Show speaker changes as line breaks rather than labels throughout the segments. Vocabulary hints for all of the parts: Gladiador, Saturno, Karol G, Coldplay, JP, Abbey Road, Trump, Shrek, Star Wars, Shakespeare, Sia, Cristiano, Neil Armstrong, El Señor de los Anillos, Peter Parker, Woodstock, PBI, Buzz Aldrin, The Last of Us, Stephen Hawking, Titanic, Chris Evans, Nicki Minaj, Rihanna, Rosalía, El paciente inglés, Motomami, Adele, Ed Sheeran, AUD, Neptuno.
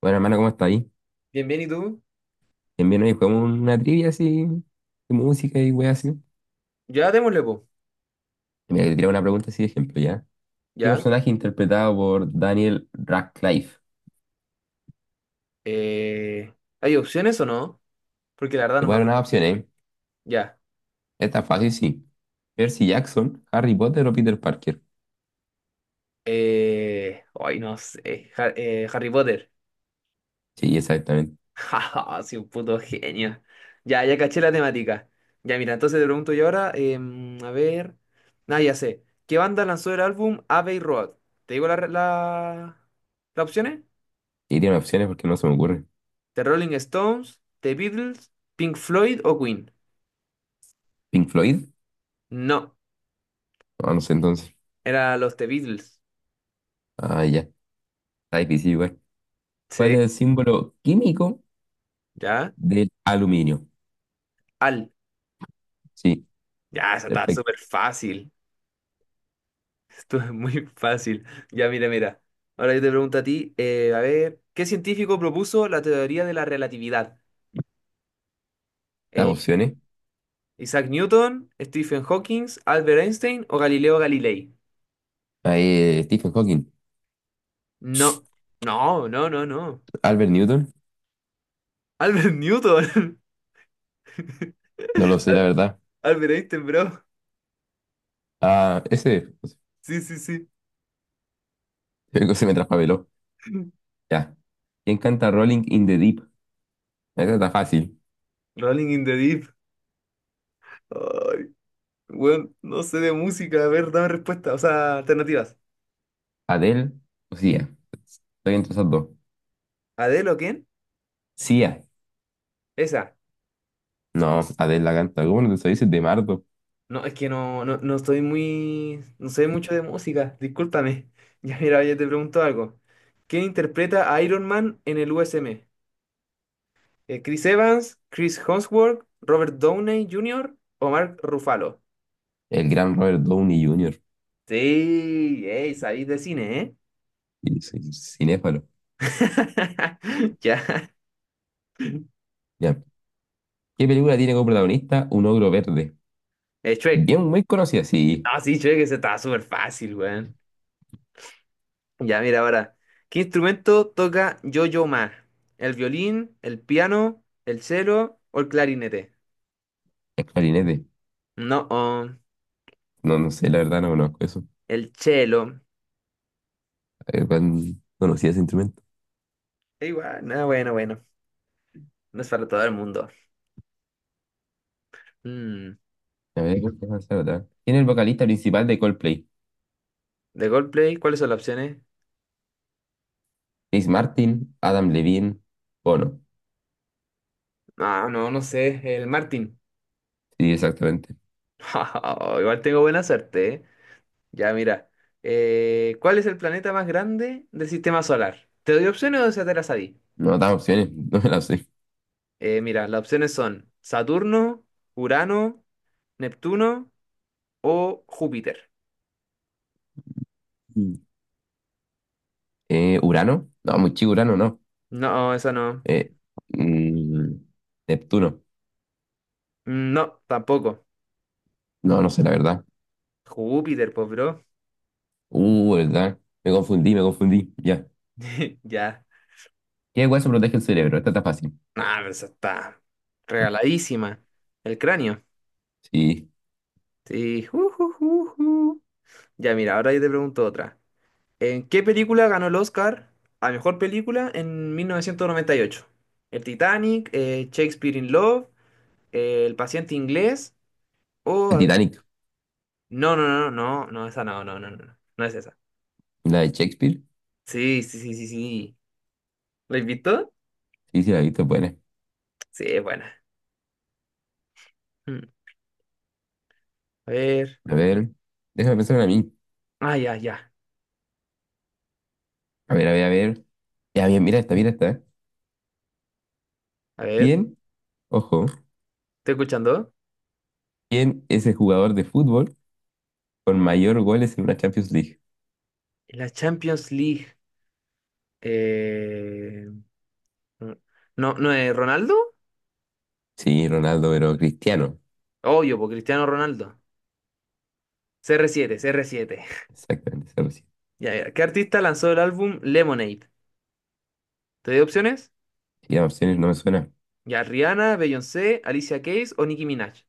Bueno, hermano, ¿cómo está ahí?
Bien, bien, ¿y tú?
Bien, bien, hoy jugamos una trivia así, de música y weas así.
Ya démosle, po.
Y Mira, te tiré una pregunta así de ejemplo, ¿ya? ¿Qué
Ya.
personaje interpretado por Daniel Radcliffe?
Eh, ¿Hay opciones o no? Porque la verdad
Te
no
voy
me
a dar unas
acuerdo.
opciones, ¿eh?
Ya.
Esta es fácil, sí. Percy Jackson, Harry Potter o Peter Parker.
Ay, no sé. Harry Potter.
Sí, exactamente.
Jaja, soy un puto genio. Ya, ya caché la temática. Ya, mira, entonces te pregunto yo ahora. A ver. Nada, ya sé. ¿Qué banda lanzó el álbum Abbey Road? ¿Te digo las opciones?
Y tiene opciones porque no se me ocurre.
¿The Rolling Stones, The Beatles, Pink Floyd o Queen?
¿Pink Floyd?
No,
No, no sé entonces.
era los The Beatles.
Ah, ya. Está difícil igual. ¿Cuál es
Sí,
el símbolo químico
ya.
del aluminio?
Al.
Sí,
Ya, eso está
perfecto.
súper fácil. Esto es muy fácil. Ya, mira, mira. Ahora yo te pregunto a ti, a ver, ¿qué científico propuso la teoría de la relatividad?
Las
Eh,
opciones.
¿Isaac Newton, Stephen Hawking, Albert Einstein o Galileo Galilei?
Ahí, Stephen Hawking,
No, no, no, no, no.
Albert Newton.
Albert Newton.
No lo sé, la verdad.
Albert Einstein, bro.
Ah, ese,
Sí, sí, sí.
creo se me traspapeló. Ya. ¿Quién canta Rolling in the Deep? Esa está fácil.
Rolling in the Deep. Ay, bueno, no sé de música. A ver, dame respuesta. O sea, alternativas.
¿Adele o Sia? Estoy entre esas dos.
¿Adele o quién?
Sia.
Esa.
No, Adele la canta. ¿Cómo no te sabes Es de Mardo?
No, es que no, no, no estoy muy, no sé mucho de música, discúlpame. Ya, mira, yo te pregunto algo. ¿Quién interpreta a Iron Man en el USM? ¿Chris Evans, Chris Hemsworth, Robert Downey Jr. o Mark Ruffalo?
El gran Robert Downey Jr.
Sí, ey, sabéis de cine, ¿eh?
Y soy cinéfalo.
Ya.
Ya. ¿Qué película tiene como protagonista un ogro verde?
Shrek.
Bien, muy conocida, sí.
Ah, sí, Shrek, ese estaba súper fácil, weón. Ya, mira, ahora. ¿Qué instrumento toca Yo-Yo Ma? ¿El violín, el piano, el cello o el clarinete?
Es clarinete.
No, oh,
No, no sé, la verdad no conozco eso.
el cello.
Tan conocida ese instrumento.
Igual, no, bueno, bueno. No es para todo el mundo. Mm.
A ver, ¿cuál puede ser otra? ¿Quién es el vocalista principal de Coldplay?
¿De Goldplay? ¿Cuáles son las opciones?
Chris Martin, Adam Levine, Bono.
Ah, no, no sé. El Martin.
Sí, exactamente.
Igual tengo buena suerte, ¿eh? Ya, mira. ¿Cuál es el planeta más grande del sistema solar? ¿Te doy opciones o ya te las sabí?
No dan opciones, no me las sé.
Mira, las opciones son Saturno, Urano, Neptuno o Júpiter.
Mm. ¿Urano? No, muy chico Urano, no.
No, esa no.
Eh, mm, Neptuno.
Mm, no, tampoco.
No, no sé, la verdad.
Júpiter, pues, bro.
Verdad. Me confundí, me confundí. Ya.
Ya.
¿Qué hueso protege el cerebro? Esta está fácil.
Ah, pero esa está regaladísima. El cráneo.
Sí.
Sí. Ju, ju, ju, ju. Ya, mira, ahora yo te pregunto otra. ¿En qué película ganó el Oscar a mejor película en 1998? ¿El Titanic, Shakespeare in Love, El paciente inglés o...
El
a ver.
Titanic.
No, no, no, no, no, esa no, no, no, no, no, no es esa.
La de Shakespeare.
Sí, sí, sí, sí, sí. ¿La invitó?
Sí, sí, la he visto, es buena.
Sí, es buena. Mm. A ver.
A ver. Déjame pensar en a mí.
Ah, ya, ya.
A ver, a ver, a ver. Ya, bien, mira esta, mira esta.
A ver,
¿Quién, ojo,
¿estoy escuchando?
quién es el jugador de fútbol con mayor goles en una Champions League?
La Champions League. Eh, no, no es Ronaldo.
Sí, Ronaldo, pero Cristiano.
Obvio, por Cristiano Ronaldo. C CR7, CR7.
Exactamente, esa recién.
Ya, ya. ¿Qué artista lanzó el álbum Lemonade? ¿Te doy opciones?
Y las opciones no me suena.
Ya, Rihanna, Beyoncé, Alicia Keys o Nicki Minaj.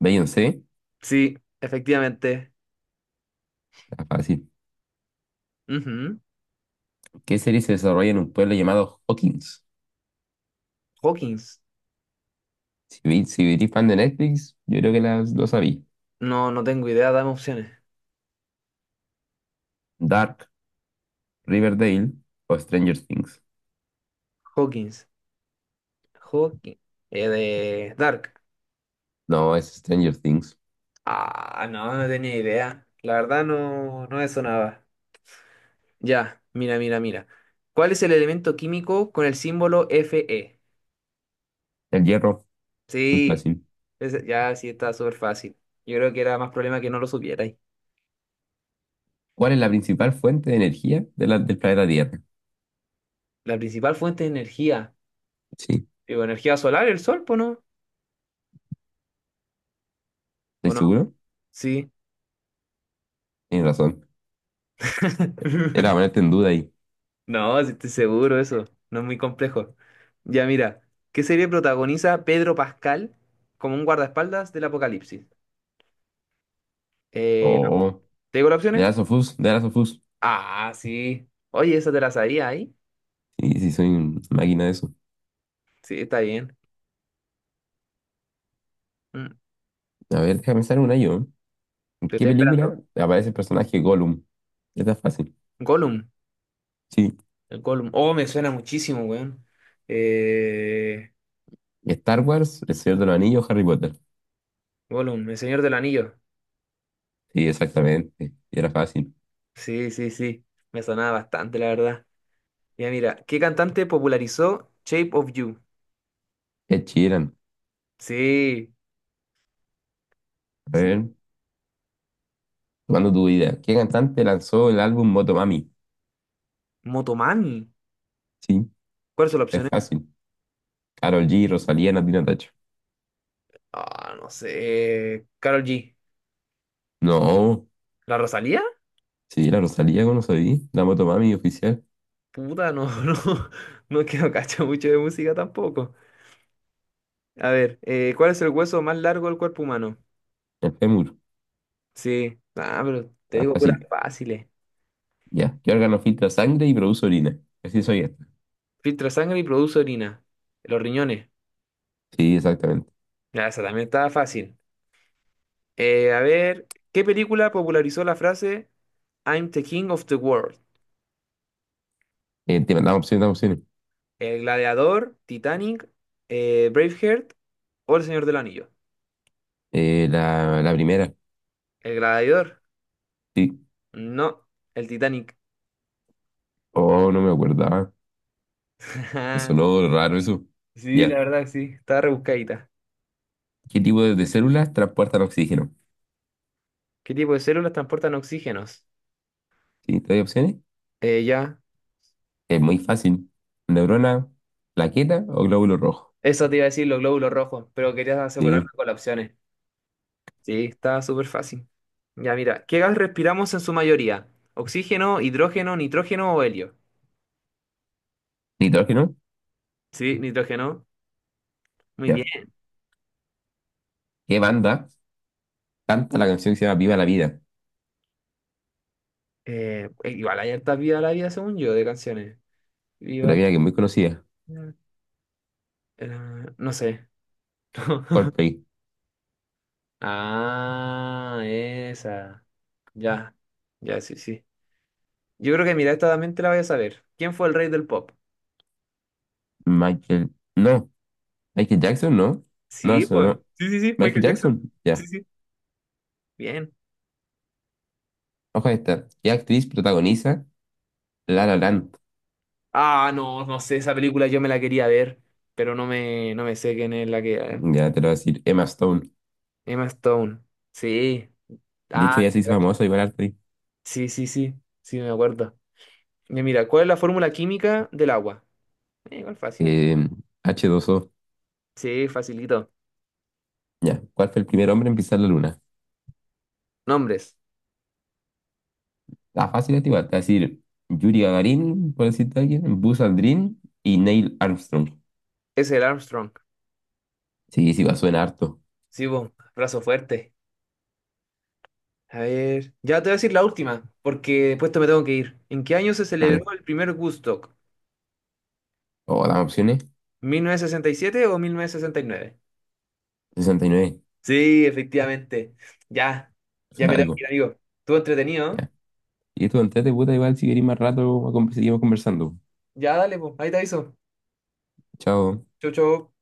Beyoncé,
Sí, efectivamente.
está fácil.
Ujú.
¿Qué serie se desarrolla en un pueblo llamado Hawkins?
Hawkins.
Si, vi, si eres fan de Netflix, yo creo que lo sabí.
No, no tengo idea, dame opciones.
Dark, Riverdale o Stranger Things.
Hawkins. Hawkins. De Dark.
No, es Stranger Things.
Ah, no, no tenía idea. La verdad no, no me sonaba. Ya, mira, mira, mira. ¿Cuál es el elemento químico con el símbolo Fe?
El hierro, muy
Sí,
fácil.
ya sí está súper fácil. Yo creo que era más problema que no lo supierais.
¿Cuál es la principal fuente de energía de del planeta Tierra?
La principal fuente de energía.
Sí,
Digo, energía solar, el sol, pues, ¿no?
¿estoy
¿O no?
seguro?
Sí.
Tienes razón. Era ponerte en duda ahí.
No, sí estoy seguro eso. No es muy complejo. Ya, mira. ¿Qué serie protagoniza Pedro Pascal como un guardaespaldas del apocalipsis? Eh,
Oh,
¿Te digo las
de
opciones?
Last of Us, The Last of Us.
Ah, sí. Oye, esa te la sabía ahí.
Sí, sí, soy una máquina de eso.
Sí, está bien. Mm.
A ver, déjame pensar una yo. ¿En
Te
qué
estoy
película
esperando.
aparece el personaje Gollum? Esta es fácil.
Gollum.
Sí,
El Gollum. Oh, me suena muchísimo, weón. Eh,
Star Wars, El Señor de los Anillos, Harry Potter.
Gollum, el Señor del Anillo.
Sí, exactamente. Era fácil.
Sí, sí, sí. Me sonaba bastante, la verdad. Mira, mira. ¿Qué cantante popularizó Shape of You?
Ed Sheeran.
Sí,
A
sí.
ver, tomando tu idea. ¿Qué cantante lanzó el álbum Motomami?
Motomami.
Sí,
¿Cuáles son las
es
opciones?
fácil. Karol G, Rosalía, Natina Tacho.
Ah, no sé. Karol G.
No,
¿La Rosalía?
sí, la Rosalía, ¿cómo no sabía? La Motomami oficial.
Puta, no, no. No, es que no cacho mucho de música tampoco. A ver, ¿cuál es el hueso más largo del cuerpo humano?
El fémur.
Sí. Ah, pero te
Era
digo puras
fácil.
fáciles.
Ya. ¿Qué órgano filtra sangre y produce orina? Así soy esta.
Filtra sangre y produce orina. Los riñones.
Sí, exactamente.
Ya, esa también estaba fácil. A ver, ¿qué película popularizó la frase I'm the king of the world?
Te mandamos opciones, damos opciones.
¿El gladiador, Titanic, Braveheart o El Señor del Anillo?
La primera.
¿El gladiador?
Sí.
No, el Titanic.
Oh, no me acordaba. Me sonó raro eso.
Sí, la
Ya.
verdad, que sí, está rebuscadita.
¿Qué tipo de células transportan oxígeno?
¿Qué tipo de células transportan oxígenos?
¿Sí? ¿Te doy opciones?
Eh, ya,
Es muy fácil. ¿Neurona, plaqueta o glóbulo rojo?
eso te iba a decir los glóbulos rojos, pero querías asegurarme
Sí.
con las opciones. Sí, está súper fácil. Ya, mira, ¿qué gas respiramos en su mayoría? ¿Oxígeno, hidrógeno, nitrógeno o helio?
¿Nitrógeno?
Sí, nitrógeno. Muy
Ya.
bien.
¿Qué banda canta la canción que se llama Viva la Vida?
Igual hay hartas Viva la Vida, según yo, de canciones.
De
Viva
la
la
vida que es muy conocida.
Vida. eh, no sé.
Coldplay.
Ah, esa. Ya, ya, sí, sí. Yo creo que, mira, esta también te la voy a saber. ¿Quién fue el rey del pop?
Michael. No. Michael Jackson, no. No,
Sí,
eso
pues.
no.
Sí, sí, sí,
Michael
Michael Jackson.
Jackson. Ya.
Sí, sí. Bien.
Ojo a esta. ¿Qué actriz protagoniza La La Land?
Ah, no, no sé, esa película yo me la quería ver, pero no me sé quién es la que...
Ya te lo voy a decir. Emma Stone.
Emma Stone. Sí.
De hecho,
Ah,
ya
te
se hizo
cacho.
famosa igual actriz.
Sí, sí, sí, sí, me acuerdo. Ya, mira, ¿cuál es la fórmula química del agua? Igual fácil.
Eh, H2O.
Sí, facilito.
Ya. ¿Cuál fue el primer hombre en pisar la luna?
Nombres.
La fácil es igual, te voy a decir Yuri Gagarin, por decirte alguien, Buzz Aldrin y Neil Armstrong.
Es el Armstrong.
Sí, sí, va, suena harto.
Sí, vos, brazo fuerte. A ver, ya te voy a decir la última, porque después te me tengo que ir. ¿En qué año se celebró
Dale.
el primer Woodstock?
O las opciones,
¿1967 o 1969?
69,
Sí, efectivamente. Ya, ya
suena
me tengo
algo.
que ir, amigo. Estuvo entretenido. ¿No?
Ya. Y esto, entrete, puta, igual si queréis más rato, seguimos conversando.
Ya, dale, pues. Ahí te aviso.
Chao.
Chau, chau.